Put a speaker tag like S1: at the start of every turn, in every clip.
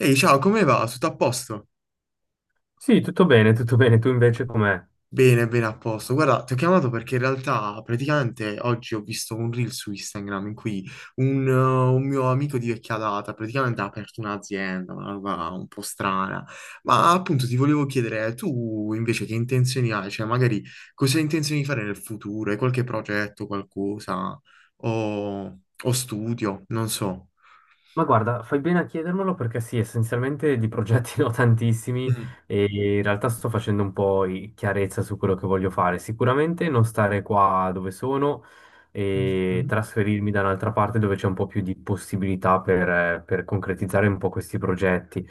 S1: Ehi, ciao, come va? Tutto a posto?
S2: Sì, tutto bene, tutto bene. Tu invece com'è?
S1: Bene, bene, a posto. Guarda, ti ho chiamato perché in realtà praticamente oggi ho visto un reel su Instagram in cui un mio amico di vecchia data praticamente ha aperto un'azienda, una roba un po' strana. Ma appunto ti volevo chiedere, tu invece che intenzioni hai? Cioè, magari cosa hai intenzione di fare nel futuro? Hai qualche progetto, qualcosa? O studio? Non so.
S2: Ma guarda, fai bene a chiedermelo perché sì, essenzialmente di progetti ne ho tantissimi
S1: Mm.
S2: e in realtà sto facendo un po' chiarezza su quello che voglio fare. Sicuramente non stare qua dove sono e
S1: Mm.
S2: trasferirmi da un'altra parte dove c'è un po' più di possibilità per concretizzare un po' questi progetti.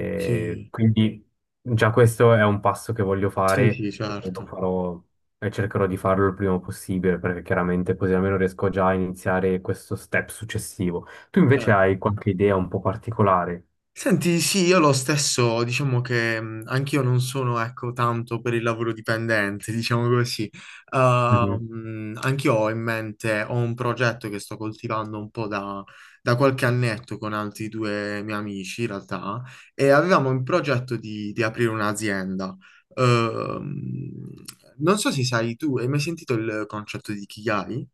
S1: Ok.
S2: quindi già questo è un passo che voglio
S1: Sì, sì,
S2: fare e lo
S1: certo.
S2: farò e cercherò di farlo il prima possibile perché chiaramente così almeno riesco già a iniziare questo step successivo. Tu invece
S1: Certo.
S2: hai qualche idea un po' particolare?
S1: Senti, sì, io lo stesso, diciamo che anch'io non sono, ecco, tanto per il lavoro dipendente, diciamo così.
S2: Mhm.
S1: Anch'io ho in mente, ho un progetto che sto coltivando un po' da qualche annetto con altri due miei amici, in realtà, e avevamo in progetto di aprire un'azienda. Ehm, Non so se sai tu, hai mai sentito il concetto di Ikigai?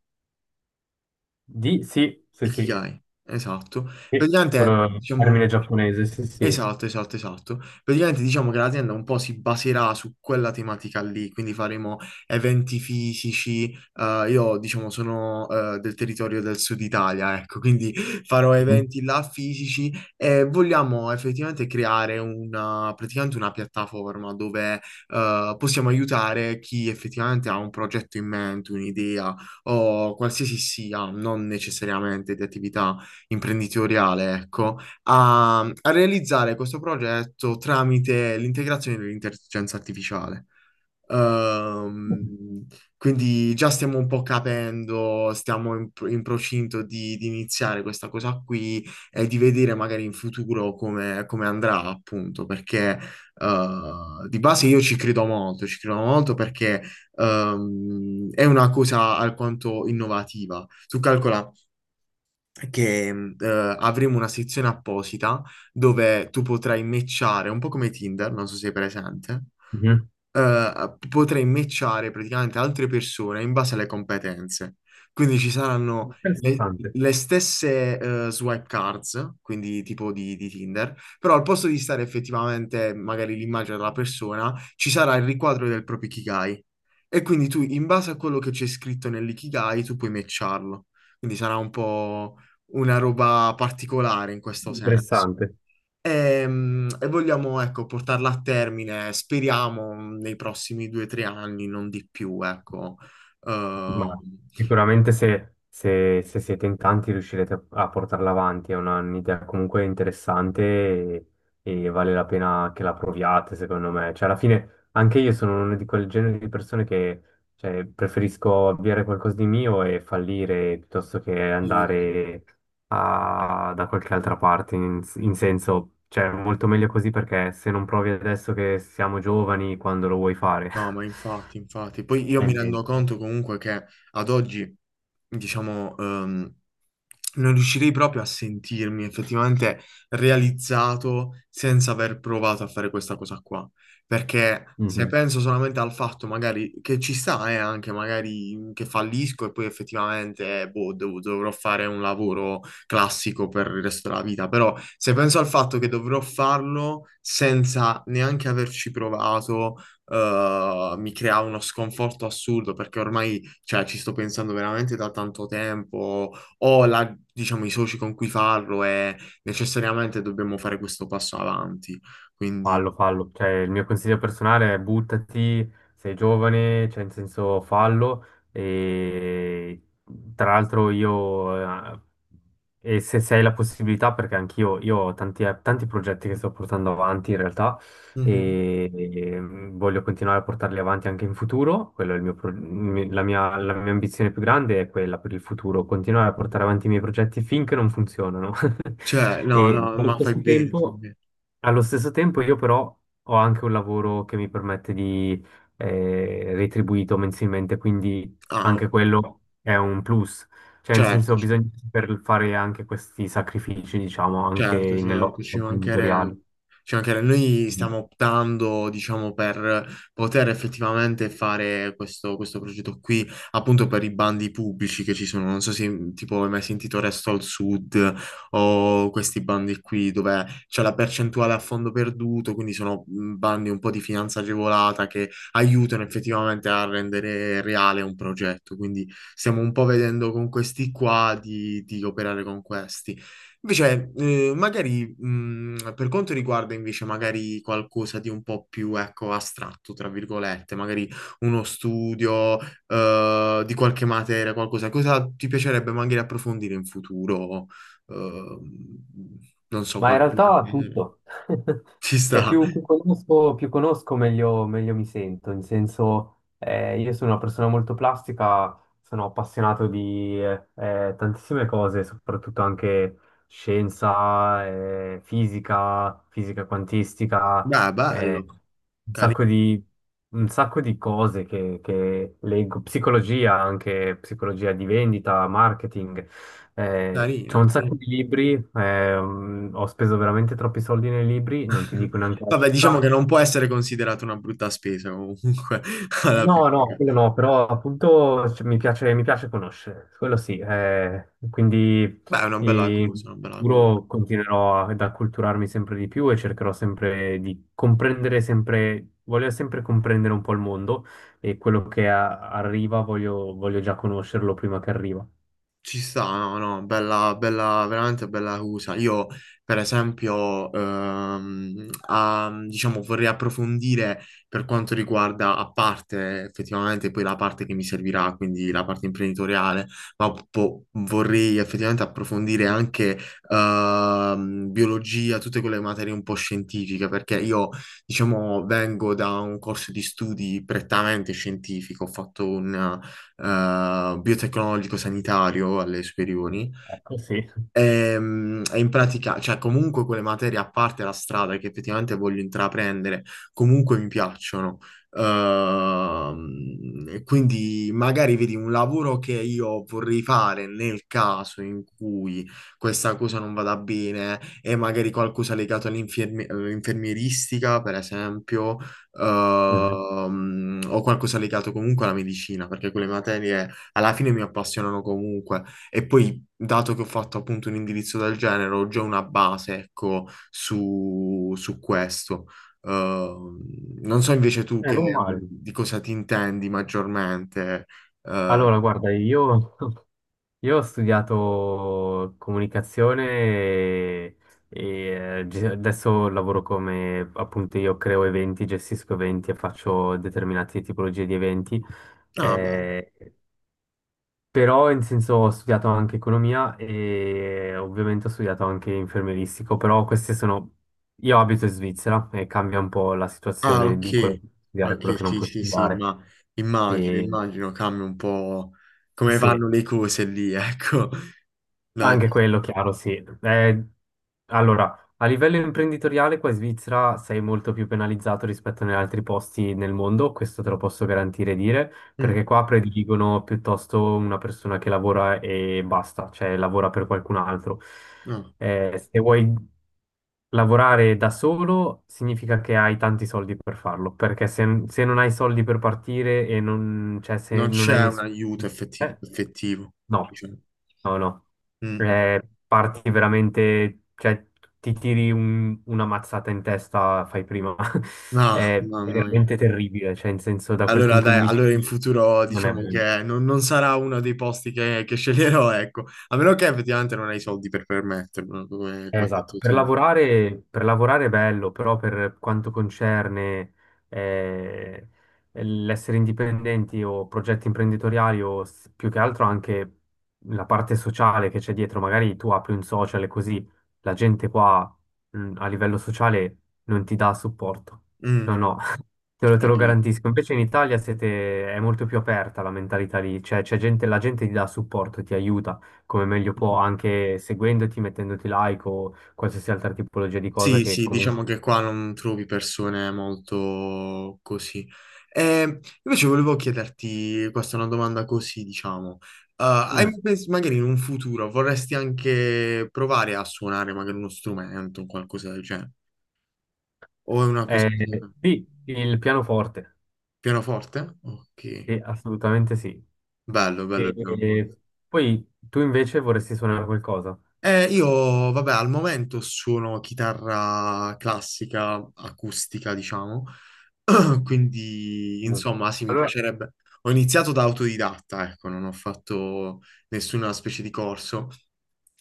S2: Di sì,
S1: Ikigai, esatto.
S2: sì,
S1: Praticamente,
S2: quello è il
S1: diciamo...
S2: termine giapponese, sì, sì.
S1: Esatto, esatto, esatto. Praticamente diciamo che l'azienda un po' si baserà su quella tematica lì, quindi faremo eventi fisici. Io diciamo sono del territorio del sud Italia, ecco, quindi farò
S2: Mhm,
S1: eventi là fisici e vogliamo effettivamente creare una, praticamente una piattaforma dove possiamo aiutare chi effettivamente ha un progetto in mente, un'idea o qualsiasi sia, non necessariamente di attività imprenditoriale, ecco a realizzare questo progetto tramite l'integrazione dell'intelligenza artificiale. Ehm, quindi già stiamo un po' capendo, stiamo in procinto di iniziare questa cosa qui e di vedere magari in futuro come, come andrà, appunto, perché di base io ci credo molto perché è una cosa alquanto innovativa. Tu calcola che avremo una sezione apposita dove tu potrai matchare, un po' come Tinder, non so se sei presente
S2: mhm.
S1: potrei matchare praticamente altre persone in base alle competenze. Quindi ci saranno
S2: Interessante,
S1: le stesse swipe cards, quindi tipo di Tinder, però al posto di stare effettivamente magari l'immagine della persona, ci sarà il riquadro del proprio Ikigai. E quindi tu, in base a quello che c'è scritto nell'Ikigai, tu puoi matcharlo. Quindi sarà un po' una roba particolare in questo senso.
S2: interessante.
S1: Vogliamo, ecco, portarla a termine, speriamo, nei prossimi due o tre anni, non di più, ecco. Ehm,
S2: Ma sicuramente se siete in tanti riuscirete a portarla avanti, è un'idea comunque interessante, e vale la pena che la proviate, secondo me. Cioè, alla fine anche io sono uno di quel genere di persone che, cioè, preferisco avviare qualcosa di mio e fallire piuttosto che
S1: sì. Sì.
S2: andare da qualche altra parte, in, in senso, cioè, molto meglio così perché se non provi adesso che siamo giovani, quando lo vuoi fare?
S1: No, ma infatti, infatti. Poi io
S2: Hai
S1: mi
S2: in
S1: rendo
S2: mente.
S1: conto comunque che ad oggi, diciamo, non riuscirei proprio a sentirmi effettivamente realizzato senza aver provato a fare questa cosa qua. Perché se
S2: Mhm.
S1: penso solamente al fatto magari che ci sta, anche magari che fallisco e poi effettivamente, boh, dovrò fare un lavoro classico per il resto della vita. Però se penso al fatto che dovrò farlo senza neanche averci provato mi crea uno sconforto assurdo perché ormai, cioè, ci sto pensando veramente da tanto tempo, ho diciamo, i soci con cui farlo e necessariamente dobbiamo fare questo passo avanti. Quindi,
S2: Fallo, fallo, cioè il mio consiglio personale è buttati, sei giovane, cioè in senso fallo e tra l'altro eh, e se, se hai la possibilità, perché anch'io io ho tanti, tanti progetti che sto portando avanti in realtà
S1: Mhm.
S2: e voglio continuare a portarli avanti anche in futuro, quello è il la la mia ambizione più grande è quella per il futuro, continuare a portare avanti i miei progetti finché non funzionano.
S1: Cioè, no,
S2: E
S1: no,
S2: allo
S1: ma fai
S2: stesso
S1: bene. Fai
S2: tempo...
S1: bene.
S2: Allo stesso tempo io però ho anche un lavoro che mi permette di, retribuito mensilmente, quindi
S1: Ah,
S2: anche
S1: ok.
S2: quello è un plus. Cioè, in senso,
S1: Certo, certo.
S2: bisogna saper fare anche questi sacrifici, diciamo, anche
S1: Certo, certo,
S2: nell'otto
S1: ci
S2: imprenditoriale.
S1: mancherebbe. Ci mancherebbe. Noi stiamo optando, diciamo, per poter effettivamente fare questo, questo progetto qui, appunto per i bandi pubblici che ci sono. Non so se tipo hai mai sentito Resto al Sud o questi bandi qui dove c'è la percentuale a fondo perduto, quindi sono bandi un po' di finanza agevolata che aiutano effettivamente a rendere reale un progetto. Quindi stiamo un po' vedendo con questi qua di operare con questi. Invece, magari per quanto riguarda invece magari qualcosa di un po' più, ecco, astratto, tra virgolette, magari uno studio di qualche materia, qualcosa, cosa ti piacerebbe magari approfondire in futuro? Eh, Non so,
S2: Ma in
S1: qualche
S2: realtà
S1: materia.
S2: tutto.
S1: Ci
S2: Cioè,
S1: sta.
S2: più conosco, meglio mi sento. In senso, io sono una persona molto plastica, sono appassionato di tantissime cose, soprattutto anche scienza, fisica, fisica quantistica,
S1: Dai,
S2: eh,
S1: bello,
S2: un
S1: cari-
S2: sacco un sacco di cose che leggo, psicologia, anche psicologia di vendita, marketing. C'ho
S1: carina.
S2: un sacco di
S1: Sì.
S2: libri, ho speso veramente troppi soldi nei libri, non ti dico neanche la
S1: Vabbè, diciamo che
S2: cifra.
S1: non può essere considerata una brutta spesa comunque, alla fine.
S2: No, no, quello no, però appunto cioè, mi piace conoscere, quello sì. Quindi
S1: Beh, è una bella
S2: in
S1: cosa, una bella cosa.
S2: futuro continuerò ad acculturarmi sempre di più e cercherò sempre di comprendere sempre, voglio sempre comprendere un po' il mondo e quello che arriva voglio, voglio già conoscerlo prima che arriva.
S1: Ci sta, no, no, bella, bella, veramente bella cosa. Io, per esempio, diciamo, vorrei approfondire per quanto riguarda, a parte effettivamente poi la parte che mi servirà, quindi la parte imprenditoriale, ma vorrei effettivamente approfondire anche biologia, tutte quelle materie un po' scientifiche, perché io, diciamo, vengo da un corso di studi prettamente scientifico, ho fatto un biotecnologico sanitario alle superiori.
S2: Ecco, sì.
S1: In pratica, cioè comunque quelle materie, a parte la strada che effettivamente voglio intraprendere, comunque mi piacciono. E quindi magari vedi un lavoro che io vorrei fare nel caso in cui questa cosa non vada bene e magari qualcosa legato all'infermieristica, per esempio,
S2: Mhm.
S1: o qualcosa legato comunque alla medicina, perché quelle materie alla fine mi appassionano comunque. E poi, dato che ho fatto appunto un indirizzo del genere, ho già una base, ecco, su, su questo. Ehm, Non so invece tu
S2: Eh,
S1: che,
S2: non male.
S1: di cosa ti intendi maggiormente. Eh,
S2: Allora, guarda, io io ho studiato comunicazione e, adesso lavoro come, appunto, io creo eventi, gestisco eventi e faccio determinate tipologie di eventi.
S1: no, bello.
S2: Eh, però, in senso, ho studiato anche economia e ovviamente ho studiato anche infermieristico, però queste sono... Io abito in Svizzera e cambia un po' la
S1: Ah,
S2: situazione di quello che
S1: ok.
S2: puoi studiare e
S1: Ok,
S2: quello che non
S1: sì,
S2: puoi
S1: sì, sì,
S2: studiare.
S1: ma immagino,
S2: E
S1: immagino, cambia un po' come
S2: sì,
S1: vanno le cose lì, ecco. No,
S2: anche quello, chiaro, sì. Allora a livello imprenditoriale qua in Svizzera sei molto più penalizzato rispetto agli altri posti nel mondo, questo te lo posso garantire e dire, perché
S1: mm,
S2: qua prediligono piuttosto una persona che lavora e basta, cioè lavora per qualcun altro.
S1: no,
S2: Se vuoi lavorare da solo significa che hai tanti soldi per farlo, perché se, se non hai soldi per partire e non, cioè, se
S1: non
S2: non hai
S1: c'è un
S2: nessuno...
S1: aiuto effettivo, effettivo,
S2: No,
S1: diciamo.
S2: no, no.
S1: Mm.
S2: Eh, parti veramente, cioè ti tiri una mazzata in testa, fai prima.
S1: No,
S2: È
S1: mamma mia.
S2: veramente terribile, cioè in senso da quel
S1: Allora,
S2: punto di
S1: dai,
S2: vista
S1: allora in
S2: lì
S1: futuro
S2: non è
S1: diciamo
S2: bello.
S1: che non, non sarà uno dei posti che sceglierò, ecco, a meno che effettivamente non hai i soldi per permetterlo, come,
S2: Eh,
S1: come hai
S2: esatto,
S1: detto tu.
S2: per lavorare è bello, però per quanto concerne eh, l'essere indipendenti o progetti imprenditoriali o più che altro anche la parte sociale che c'è dietro, magari tu apri un social e così la gente qua a livello sociale non ti dà supporto.
S1: Mm,
S2: No, no, te lo, te lo
S1: capito.
S2: garantisco. Invece in Italia è molto più aperta la mentalità lì, cioè c'è gente, la gente ti dà supporto, ti aiuta come meglio
S1: Mm.
S2: può,
S1: Mm.
S2: anche seguendoti, mettendoti like o qualsiasi altra tipologia di cosa
S1: Sì,
S2: che
S1: sì, diciamo
S2: comunque...
S1: che qua non trovi persone molto così. Eh, Invece volevo chiederti, questa è una domanda così, diciamo, hai
S2: Mm.
S1: mai magari in un futuro vorresti anche provare a suonare magari uno strumento o qualcosa del genere? O è una cosa...
S2: Eh, sì, il pianoforte,
S1: Pianoforte? Ok.
S2: sì, assolutamente sì.
S1: Bello, bello il jumbo.
S2: E poi tu invece vorresti suonare qualcosa?
S1: Io, vabbè, al momento suono chitarra classica, acustica, diciamo, quindi,
S2: Mm.
S1: insomma, sì, mi
S2: Allora,
S1: piacerebbe. Ho iniziato da autodidatta, ecco, non ho fatto nessuna specie di corso.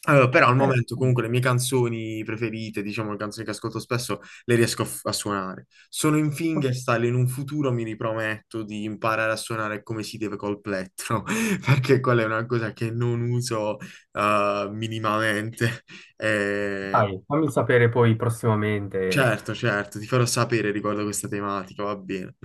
S1: Allora, però al
S2: eh,
S1: momento
S2: mm,
S1: comunque le mie canzoni preferite, diciamo le canzoni che ascolto spesso, le riesco a, a suonare. Sono in fingerstyle, in un futuro mi riprometto di imparare a suonare come si deve col plettro, perché quella è una cosa che non uso minimamente. Eh,
S2: dai, fammi sapere poi prossimamente.
S1: certo, certo, ti farò sapere riguardo questa tematica, va bene.